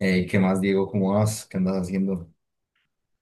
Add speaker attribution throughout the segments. Speaker 1: Ey, ¿qué más, Diego? ¿Cómo vas? ¿Qué andas haciendo?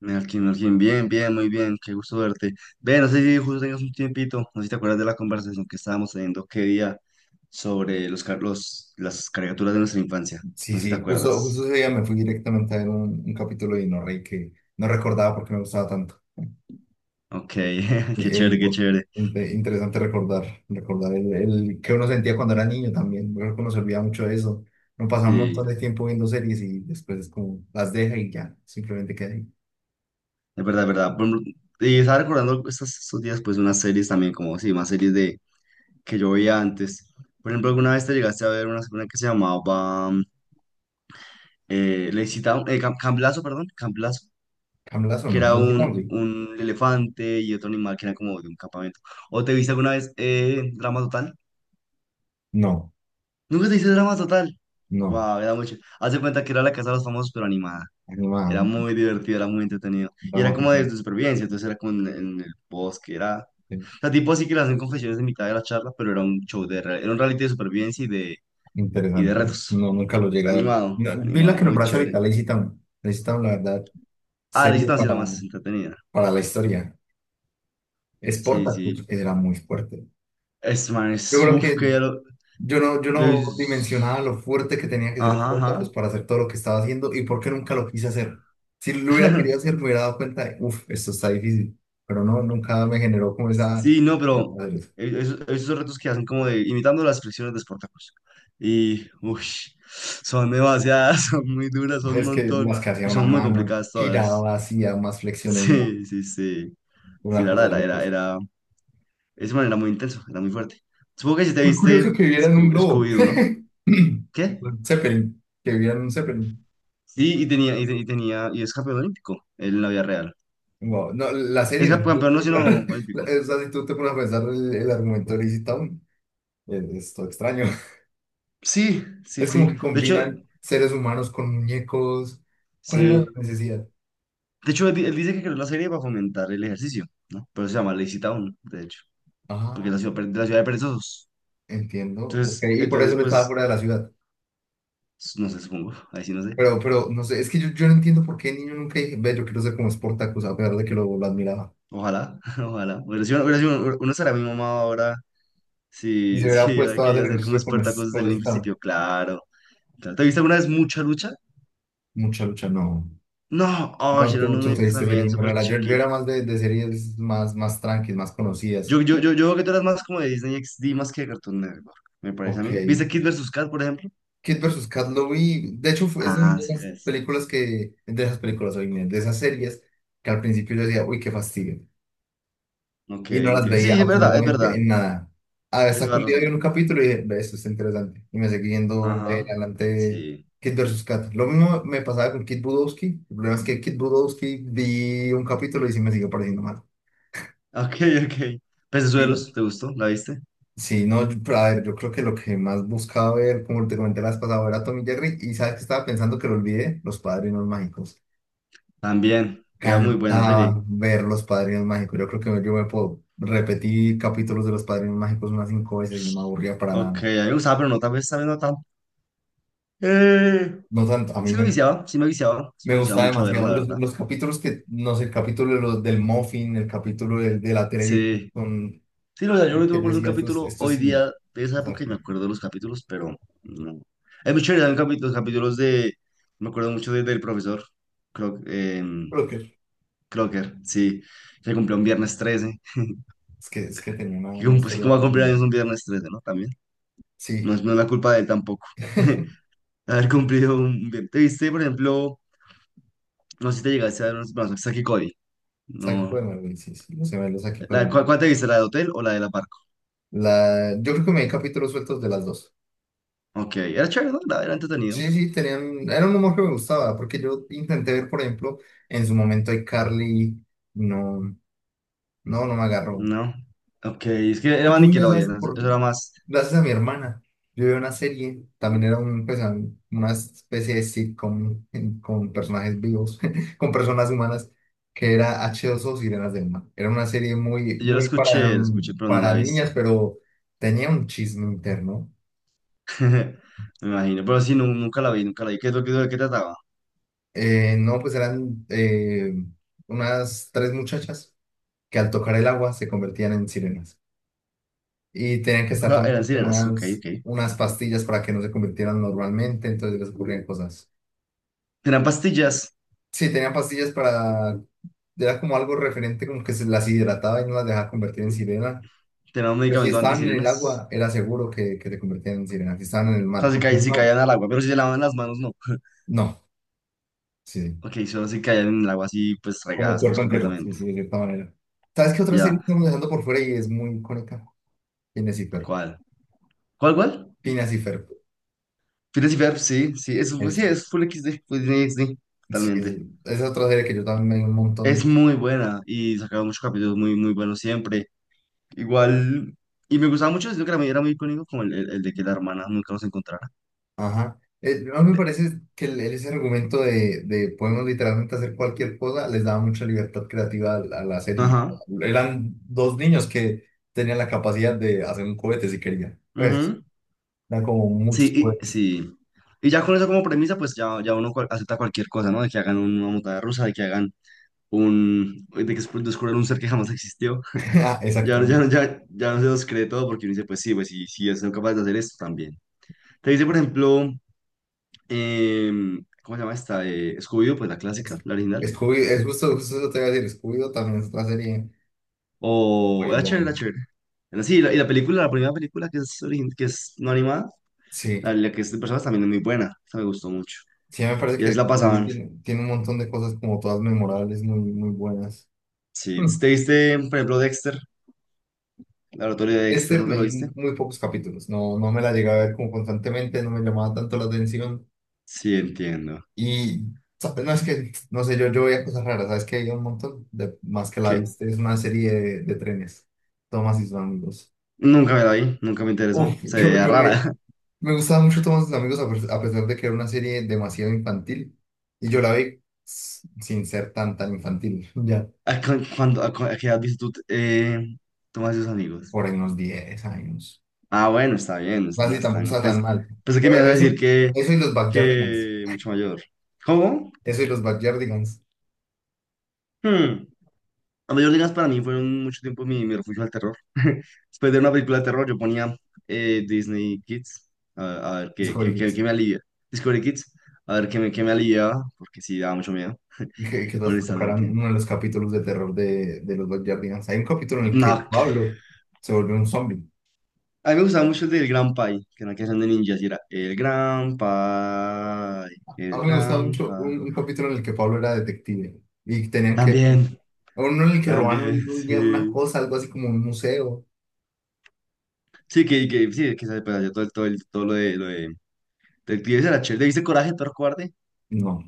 Speaker 2: Melkin, Melkin, bien, bien, muy bien, qué gusto verte. Ve, no sé si justo tengas un tiempito, no sé si te acuerdas de la conversación que estábamos teniendo qué día sobre las caricaturas de nuestra infancia. No
Speaker 1: Sí,
Speaker 2: sé si te
Speaker 1: sí, justo
Speaker 2: acuerdas.
Speaker 1: ese día me fui directamente a ver un capítulo de Inorrey que no recordaba porque no me gustaba tanto.
Speaker 2: Ok,
Speaker 1: Y,
Speaker 2: qué
Speaker 1: ey,
Speaker 2: chévere, qué
Speaker 1: por-
Speaker 2: chévere.
Speaker 1: Interesante recordar el que uno sentía cuando era niño también. Creo que uno se olvida mucho de eso. Uno pasa un
Speaker 2: Sí,
Speaker 1: montón de tiempo viendo series y después es como las deja y ya, simplemente queda ahí.
Speaker 2: es verdad, es verdad. Por ejemplo, y estaba recordando estos días, pues, unas series también, como, sí, más series de que yo veía antes. Por ejemplo, alguna vez te llegaste a ver una que se llamaba Lazy Town, Camp Lazo, perdón, Camp Lazo.
Speaker 1: ¿Camlas o
Speaker 2: Que
Speaker 1: no?
Speaker 2: era
Speaker 1: ¿Las de
Speaker 2: un,
Speaker 1: Camgly?
Speaker 2: un elefante y otro animal que era como de un campamento. ¿O te viste alguna vez Drama Total?
Speaker 1: No,
Speaker 2: Nunca te viste Drama Total.
Speaker 1: no,
Speaker 2: Guau, era mucho. Haz de cuenta que era la casa de los famosos, pero animada.
Speaker 1: animada,
Speaker 2: Era muy divertido, era muy entretenido. Y era
Speaker 1: drama
Speaker 2: como de,
Speaker 1: total.
Speaker 2: de supervivencia, entonces era como en el bosque, era. O sea, tipo así que le hacen confesiones en mitad de la charla, pero era un reality de supervivencia y de
Speaker 1: Interesante.
Speaker 2: retos.
Speaker 1: No, nunca lo llegué a ver. No,
Speaker 2: Animado,
Speaker 1: vi la
Speaker 2: animado,
Speaker 1: que
Speaker 2: muy
Speaker 1: nombraste ahorita,
Speaker 2: chévere.
Speaker 1: Lazy Town. Lazy Town, la verdad,
Speaker 2: Ah, la
Speaker 1: serie
Speaker 2: visita sí era más entretenida.
Speaker 1: para la historia. Es
Speaker 2: Sí,
Speaker 1: Spartacus
Speaker 2: sí.
Speaker 1: era muy fuerte.
Speaker 2: Es man,
Speaker 1: Yo
Speaker 2: es.
Speaker 1: creo
Speaker 2: Uf,
Speaker 1: que
Speaker 2: que ya lo.
Speaker 1: yo no, yo no dimensionaba
Speaker 2: Luis.
Speaker 1: lo fuerte que tenía que ser
Speaker 2: Ajá,
Speaker 1: Spartacus
Speaker 2: ajá.
Speaker 1: para hacer todo lo que estaba haciendo y por qué nunca lo quise hacer. Si lo hubiera querido hacer, me hubiera dado cuenta de, uff, esto está difícil. Pero no, nunca me generó como esa...
Speaker 2: Sí, no, pero esos retos que hacen como de imitando las expresiones de Sportacus. Y, uy, son demasiadas, son muy duras, son un
Speaker 1: Es que
Speaker 2: montón
Speaker 1: las que hacía
Speaker 2: y
Speaker 1: una
Speaker 2: son muy
Speaker 1: mano,
Speaker 2: complicadas todas.
Speaker 1: giraba, hacía más flexiones, no,
Speaker 2: Sí, sí, sí. Sí,
Speaker 1: una
Speaker 2: la
Speaker 1: cosa de
Speaker 2: verdad,
Speaker 1: locos.
Speaker 2: era, ese man era muy intenso, era muy fuerte. Supongo que si te
Speaker 1: Muy
Speaker 2: viste
Speaker 1: curioso que vieran un
Speaker 2: Scoo-
Speaker 1: globo.
Speaker 2: Scooby-Doo, ¿no? ¿Qué?
Speaker 1: Un Zeppelin, que vieran un Zeppelin.
Speaker 2: Sí, y tenía, y es campeón olímpico, él en la vida real.
Speaker 1: Wow. No, la
Speaker 2: Es
Speaker 1: serie, la
Speaker 2: campe-
Speaker 1: serie es
Speaker 2: campeón no,
Speaker 1: muy rara.
Speaker 2: sino
Speaker 1: La-
Speaker 2: olímpico.
Speaker 1: O sea, si tú te pones a pensar el argumento de Lizzie Town, es todo extraño.
Speaker 2: Sí, sí,
Speaker 1: Es como
Speaker 2: sí.
Speaker 1: que
Speaker 2: De hecho,
Speaker 1: combinan seres humanos con muñecos. ¿Cuál era la
Speaker 2: sí.
Speaker 1: necesidad?
Speaker 2: De hecho, él dice que creó la serie para fomentar el ejercicio, ¿no? Pero se llama Lazy Town, de hecho, porque es
Speaker 1: Ah,
Speaker 2: la ciudad de perezosos.
Speaker 1: entiendo. Ok,
Speaker 2: Entonces,
Speaker 1: y por eso
Speaker 2: entonces,
Speaker 1: le estaba
Speaker 2: pues,
Speaker 1: fuera de la ciudad.
Speaker 2: no sé, supongo, ahí sí no sé.
Speaker 1: Pero, no sé, es que yo no entiendo por qué el niño nunca dije, ve, yo quiero ser como Sportacus, a pesar de que lo admiraba.
Speaker 2: Ojalá, ojalá. Hubiera sido, uno será mi mamá ahora
Speaker 1: Y se
Speaker 2: si, si
Speaker 1: hubiera
Speaker 2: hubiera
Speaker 1: puesto a hacer
Speaker 2: querido hacer como
Speaker 1: ejercicio con, es-
Speaker 2: Espartacus desde
Speaker 1: con
Speaker 2: el
Speaker 1: Lizzie Town.
Speaker 2: principio, claro. Claro. ¿Te viste alguna vez mucha lucha?
Speaker 1: Mucha lucha, no.
Speaker 2: No, oh,
Speaker 1: No,
Speaker 2: era un
Speaker 1: tú te
Speaker 2: muñeco
Speaker 1: viste series
Speaker 2: también
Speaker 1: muy
Speaker 2: súper
Speaker 1: raras. Yo
Speaker 2: chiquito.
Speaker 1: era más de series más, más tranquilas, más conocidas.
Speaker 2: Yo creo que tú eras más como de Disney XD más que de Cartoon Network, me parece a
Speaker 1: Ok.
Speaker 2: mí. ¿Viste Kid vs. Kat, por ejemplo?
Speaker 1: Kid versus Kat lo vi. De hecho, fue- es una
Speaker 2: Ah,
Speaker 1: de
Speaker 2: sí,
Speaker 1: las
Speaker 2: ves.
Speaker 1: películas que, de esas películas, hoy de esas series que al principio yo decía, uy, qué fastidio.
Speaker 2: Ok,
Speaker 1: Y no las
Speaker 2: entiendo.
Speaker 1: veía
Speaker 2: Sí, es verdad, es verdad.
Speaker 1: absolutamente en nada.
Speaker 2: Tienes
Speaker 1: Hasta que
Speaker 2: toda
Speaker 1: un
Speaker 2: la
Speaker 1: día vi
Speaker 2: razón.
Speaker 1: un capítulo y dije, "Ve, esto está interesante. Y me seguí viendo de
Speaker 2: Ajá,
Speaker 1: adelante
Speaker 2: sí.
Speaker 1: Kid versus Kat. Lo mismo me pasaba con Kid Budowski. El problema es que Kid Budowski vi un capítulo y sí me siguió pareciendo mal.
Speaker 2: Ok, ok. Pecesuelos, ¿te gustó? ¿La viste?
Speaker 1: Sí, no, yo- pero a ver, yo creo que lo que más buscaba ver, como te comenté la vez pasada, era Tommy Jerry, y sabes que estaba pensando que lo olvidé, Los Padrinos Mágicos.
Speaker 2: También, era muy buena serie.
Speaker 1: Cantaba ver Los Padrinos Mágicos. Yo creo que yo me puedo repetir capítulos de Los Padrinos Mágicos unas 5 veces y no me aburría para
Speaker 2: Ok,
Speaker 1: nada.
Speaker 2: a mí me gustaba, pero no, tal vez no tanto. Eh,
Speaker 1: No tanto, a mí
Speaker 2: sí me
Speaker 1: me,
Speaker 2: viciaba, sí me viciaba, sí me
Speaker 1: me
Speaker 2: viciaba
Speaker 1: gustaba
Speaker 2: mucho a
Speaker 1: demasiado
Speaker 2: verla, la verdad.
Speaker 1: los capítulos que, no sé, el capítulo de los, del Muffin, el capítulo de la televisión,
Speaker 2: Sí,
Speaker 1: con,
Speaker 2: sí, no, o sea, yo me
Speaker 1: que yo
Speaker 2: tuve por un
Speaker 1: decía,
Speaker 2: capítulo
Speaker 1: esto es
Speaker 2: hoy
Speaker 1: cine.
Speaker 2: día de esa
Speaker 1: O sea,
Speaker 2: época y me acuerdo de los capítulos, pero no. Es muy chévere, también los capítulos de, me acuerdo mucho del profesor Cro- em,
Speaker 1: creo que
Speaker 2: Crocker, sí, que cumplió un viernes 13.
Speaker 1: es que, es que tenía
Speaker 2: Y
Speaker 1: una
Speaker 2: como, así
Speaker 1: historia
Speaker 2: como va a cumplir
Speaker 1: profunda.
Speaker 2: años un viernes 13, ¿no? También. no
Speaker 1: Sí.
Speaker 2: es, no es la culpa de él tampoco. Haber cumplido un bien. ¿Te viste, por ejemplo, no sé si te llegaste a ver unos brazos Saki Cody?
Speaker 1: Psycho
Speaker 2: No.
Speaker 1: Pac-Man, güey, sí, sí, los gemelos aquí
Speaker 2: ¿Cuál,
Speaker 1: con
Speaker 2: cuál te viste? ¿La de hotel o la de la barco?
Speaker 1: la... Yo creo que me di capítulos sueltos de las dos.
Speaker 2: Ok, era chévere, ¿no? Era entretenido.
Speaker 1: Sí, sí, tenían... Era un humor que me gustaba, porque yo intenté ver, por ejemplo, en su momento iCarly, no, no, no me agarró.
Speaker 2: No. Ok, es que era
Speaker 1: Yo,
Speaker 2: más
Speaker 1: yo ya sabes,
Speaker 2: Nickelodeon, eso,
Speaker 1: por,
Speaker 2: eso era más.
Speaker 1: gracias a mi hermana, yo vi una serie, también era un, pues, un- una especie de sitcom en- con personajes vivos, con personas humanas, que era H2O Sirenas del Mar. Era una serie muy,
Speaker 2: Yo
Speaker 1: muy para,
Speaker 2: la escuché, pero no
Speaker 1: para
Speaker 2: la he visto.
Speaker 1: niñas, pero tenía un chisme interno.
Speaker 2: Me imagino, pero sí, nunca la vi, nunca la vi. ¿Qué es de qué trataba?
Speaker 1: No, pues eran unas tres muchachas que al tocar el agua se convertían en sirenas. Y tenían que estar
Speaker 2: Ah, eran
Speaker 1: tomando como
Speaker 2: sirenas, ok,
Speaker 1: unas,
Speaker 2: ok.
Speaker 1: unas pastillas para que no se convirtieran normalmente, entonces les ocurrían cosas.
Speaker 2: Tenían pastillas,
Speaker 1: Sí, tenían pastillas para, era como algo referente, como que se las hidrataba y no las dejaba convertir en sirena.
Speaker 2: tenían un
Speaker 1: Pero si
Speaker 2: medicamento
Speaker 1: estaban en el
Speaker 2: antisirenas.
Speaker 1: agua, era seguro que te convertían en sirena. Si estaban en el
Speaker 2: O sea,
Speaker 1: mar,
Speaker 2: si,
Speaker 1: porque si
Speaker 2: caí- si
Speaker 1: no,
Speaker 2: caían al agua, pero si se lavaban las manos, no.
Speaker 1: no, sí, sí,
Speaker 2: Ok, solo se caían en el agua así, pues
Speaker 1: como
Speaker 2: regadas, pues
Speaker 1: cuerpo entero, sí,
Speaker 2: completamente.
Speaker 1: sí, de cierta manera. ¿Sabes qué otra serie
Speaker 2: Ya,
Speaker 1: estamos dejando por fuera y es muy icónica? Phineas y Ferb.
Speaker 2: ¿cuál? ¿Cuál, cuál?
Speaker 1: Phineas y Ferb.
Speaker 2: Phineas y Ferb, sí, sí, eso pues,
Speaker 1: Es,
Speaker 2: sí, es Full XD, Full Disney XD,
Speaker 1: sí,
Speaker 2: totalmente.
Speaker 1: es otra serie que yo también me di un
Speaker 2: Es
Speaker 1: montón.
Speaker 2: muy buena y sacaron muchos capítulos muy, muy buenos siempre. Igual, y me gustaba mucho, sino que la era muy icónico, como el de que la hermana nunca los encontrara.
Speaker 1: Ajá. A mí me
Speaker 2: De-
Speaker 1: parece que el- ese argumento de podemos literalmente hacer cualquier cosa les daba mucha libertad creativa a la serie.
Speaker 2: ajá,
Speaker 1: Eran dos niños que tenían la capacidad de hacer un cohete si querían. Pues,
Speaker 2: ujú,
Speaker 1: eran como muchos
Speaker 2: sí, y,
Speaker 1: cohetes.
Speaker 2: sí. Y ya con eso como premisa, pues ya, ya uno acepta cualquier cosa, ¿no? De que hagan una montaña rusa, de que hagan un. De que descubran un ser que jamás existió.
Speaker 1: Ah,
Speaker 2: Ya, ya,
Speaker 1: exactamente.
Speaker 2: ya no se los cree todo porque uno dice, pues sí, sí, son capaces de hacer esto también. Te dice, por ejemplo, ¿cómo se llama esta? Scooby-Doo, pues la clásica, la original.
Speaker 1: Es, Scooby- es justo, justo eso te iba a decir. Scooby-Doo también es una serie
Speaker 2: O
Speaker 1: muy
Speaker 2: la chévere,
Speaker 1: buena.
Speaker 2: la chévere. Bueno, sí, y la película, la primera película que es no animada, la,
Speaker 1: Sí,
Speaker 2: la que es de personas también es muy buena, esa me gustó mucho.
Speaker 1: sí, me parece
Speaker 2: Y
Speaker 1: que
Speaker 2: es la
Speaker 1: Scooby
Speaker 2: pasaban.
Speaker 1: tiene, tiene un montón de cosas como todas memorables, muy, muy buenas.
Speaker 2: Sí, ¿te viste, por ejemplo, Dexter? Laboratorio de Dexter,
Speaker 1: Dexter
Speaker 2: ¿no te
Speaker 1: me
Speaker 2: lo viste?
Speaker 1: vi muy pocos capítulos, no, no me la llegué a ver como constantemente, no me llamaba tanto la atención
Speaker 2: Sí, entiendo.
Speaker 1: y ¿sabes? No es que, no sé, yo veía cosas raras, sabes que hay un montón de más que la
Speaker 2: Que
Speaker 1: viste, es una serie de trenes, Thomas y sus amigos.
Speaker 2: nunca me la vi, nunca me interesó.
Speaker 1: Uf,
Speaker 2: Se
Speaker 1: yo,
Speaker 2: veía
Speaker 1: yo me,
Speaker 2: rara.
Speaker 1: me gustaba mucho Thomas y sus amigos a, pes- a pesar de que era una serie demasiado infantil y yo la vi s- sin ser tan tan infantil, ya
Speaker 2: ¿A cu- cuándo- a cu- a qué edad viste tú, tú más tus amigos?
Speaker 1: por ahí unos 10 años,
Speaker 2: Ah, bueno, está bien, no es no
Speaker 1: así
Speaker 2: es
Speaker 1: tampoco
Speaker 2: tan.
Speaker 1: está tan
Speaker 2: Pues,
Speaker 1: mal.
Speaker 2: pensé que
Speaker 1: Por
Speaker 2: me ibas a
Speaker 1: eso,
Speaker 2: decir que,
Speaker 1: eso y los Backyardigans,
Speaker 2: que mucho mayor. ¿Cómo?
Speaker 1: eso y los Backyardigans.
Speaker 2: Hmm. La mayor digas para mí fueron mucho tiempo mi refugio al terror. Después de una película de terror yo ponía Disney Kids, a ver qué,
Speaker 1: Discovery
Speaker 2: qué, qué-
Speaker 1: Kids.
Speaker 2: qué me alivia. Discovery Kids, a ver qué me aliviaba, porque sí, daba mucho miedo,
Speaker 1: Y que nos tocarán
Speaker 2: honestamente.
Speaker 1: uno de los capítulos de terror de los Backyardigans. Hay un capítulo en el que
Speaker 2: No,
Speaker 1: Pablo se volvió un zombie.
Speaker 2: a mí me gustaba mucho el del Gran Pai, que era una canción de ninjas y era el Gran Pai,
Speaker 1: A
Speaker 2: el
Speaker 1: mí me gustaba
Speaker 2: Gran
Speaker 1: mucho
Speaker 2: Pai.
Speaker 1: un capítulo en el que Pablo era detective y tenían que.
Speaker 2: También,
Speaker 1: Uno en el que roban
Speaker 2: también,
Speaker 1: un día una
Speaker 2: sí.
Speaker 1: cosa, algo así como un museo.
Speaker 2: Sí, sí, que se pues, hacía todo, todo, todo del tío ese era chévere. ¿Le viste Coraje, el perro cobarde?
Speaker 1: No,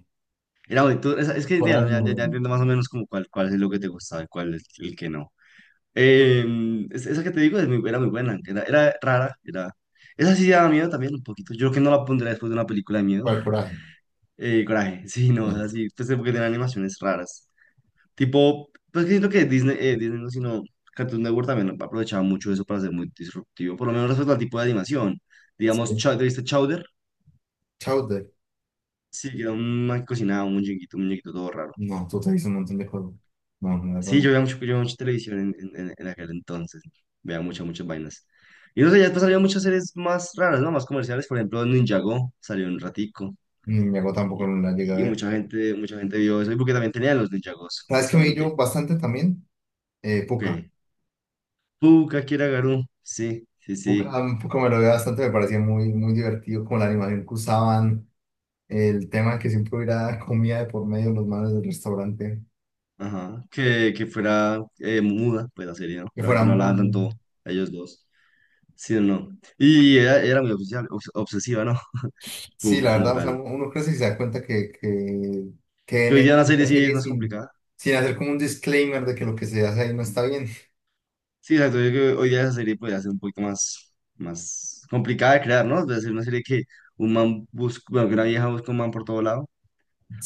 Speaker 2: Era bonito. Es que ya,
Speaker 1: coraje,
Speaker 2: ya,
Speaker 1: no.
Speaker 2: ya- ya
Speaker 1: No.
Speaker 2: entiendo más o menos como cuál es lo que te gustaba y cuál es el que no. Esa que te digo es muy- era muy buena, era rara, era. Esa sí daba miedo también un poquito. Yo creo que no la pondría después de una película de miedo.
Speaker 1: ¿Cuál coraje?
Speaker 2: Coraje, sí, no, es
Speaker 1: Sí.
Speaker 2: así, pues porque tiene animaciones raras. Tipo, pues que siento que Disney, Disney no, sino Cartoon Network también aprovechaba mucho eso para ser muy disruptivo, por lo menos respecto al tipo de animación. Digamos,
Speaker 1: Sí,
Speaker 2: ¿Te viste Chowder?
Speaker 1: Chowder.
Speaker 2: Sí, que era un man que cocinaba, un muñequito todo raro.
Speaker 1: No, tú te dices un montón de cosas. No, no,
Speaker 2: Sí, yo
Speaker 1: no.
Speaker 2: veía mucho, yo veía mucha televisión en aquel entonces, veía muchas, muchas vainas. Y no sé, ya después salió muchas series más raras, ¿no? Más comerciales, por ejemplo, Ninjago salió un ratico
Speaker 1: Ni me hago tampoco,
Speaker 2: y,
Speaker 1: no la llegué a
Speaker 2: y
Speaker 1: ver.
Speaker 2: mucha gente vio eso, y porque también tenían los Ninjagos,
Speaker 1: ¿Sabes que me vi yo
Speaker 2: justamente.
Speaker 1: bastante también? Pucca.
Speaker 2: Que Puka, Kira Garu, sí, sí,
Speaker 1: Book-
Speaker 2: sí.
Speaker 1: A mí como lo veía bastante, me parecía muy, muy divertido como la animación que usaban, el tema de que siempre hubiera comida de por medio en los manos del restaurante,
Speaker 2: Ajá, que fuera muda, pues la serie, ¿no?
Speaker 1: que fuera
Speaker 2: Realmente no hablaban tanto
Speaker 1: muy...
Speaker 2: ellos dos, sí o no. Y era muy obsesiva, obsesiva, ¿no?
Speaker 1: Sí,
Speaker 2: Puca
Speaker 1: la
Speaker 2: como
Speaker 1: verdad, o sea,
Speaker 2: tal.
Speaker 1: uno crece y se da cuenta que
Speaker 2: Que
Speaker 1: en
Speaker 2: hoy día la serie
Speaker 1: esta
Speaker 2: sí es
Speaker 1: serie
Speaker 2: más
Speaker 1: sin,
Speaker 2: complicada.
Speaker 1: sin hacer como un disclaimer de que lo que se hace ahí no está bien.
Speaker 2: Sí, exacto, yo creo que hoy día esa serie podría ser un poquito más complicada de crear, ¿no? Debe ser una serie que un man busca, bueno, que una vieja busca un man por todo lado.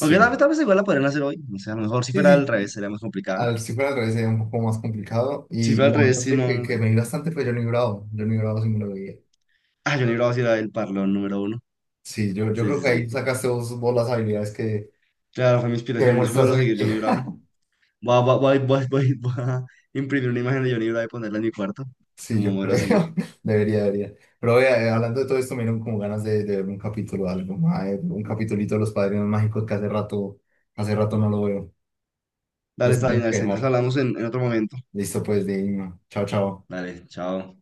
Speaker 2: Aunque tal vez, tal vez igual la podrían hacer hoy, o sea, a lo mejor si
Speaker 1: Sí,
Speaker 2: fuera al
Speaker 1: sí,
Speaker 2: revés
Speaker 1: sí.
Speaker 2: sería más complicada.
Speaker 1: Al, si fuera al revés sería un poco más complicado
Speaker 2: Si
Speaker 1: y
Speaker 2: fuera al
Speaker 1: la
Speaker 2: revés,
Speaker 1: otra
Speaker 2: sí,
Speaker 1: serie
Speaker 2: no, no sé.
Speaker 1: que me vi bastante fue Johnny Bravo, Johnny Bravo sí me lo veía.
Speaker 2: Ah, Johnny Bravo sí era el parlón número uno.
Speaker 1: Sí, yo
Speaker 2: Sí,
Speaker 1: creo
Speaker 2: sí,
Speaker 1: que ahí
Speaker 2: sí.
Speaker 1: sacaste vos, vos las habilidades
Speaker 2: Claro, fue mi
Speaker 1: que
Speaker 2: inspiración. Es un
Speaker 1: demuestras
Speaker 2: modelo duro
Speaker 1: hoy en
Speaker 2: seguir Johnny
Speaker 1: día.
Speaker 2: Bravo. Voy a imprimir una imagen de Johnny Bravo y ponerla en mi cuarto
Speaker 1: Sí,
Speaker 2: como
Speaker 1: yo
Speaker 2: modelo
Speaker 1: creo.
Speaker 2: a seguir.
Speaker 1: Debería, debería. Pero vea, hablando de todo esto, me dieron como ganas de ver un capítulo o algo, mae, un capitulito de Los Padrinos Mágicos que hace rato no lo veo.
Speaker 2: Dale,
Speaker 1: Entonces
Speaker 2: está bien,
Speaker 1: tengo que
Speaker 2: Alexis. Entonces
Speaker 1: dejar.
Speaker 2: hablamos en otro momento.
Speaker 1: Listo, pues, de ahí, no. Chao, chao.
Speaker 2: Dale, chao.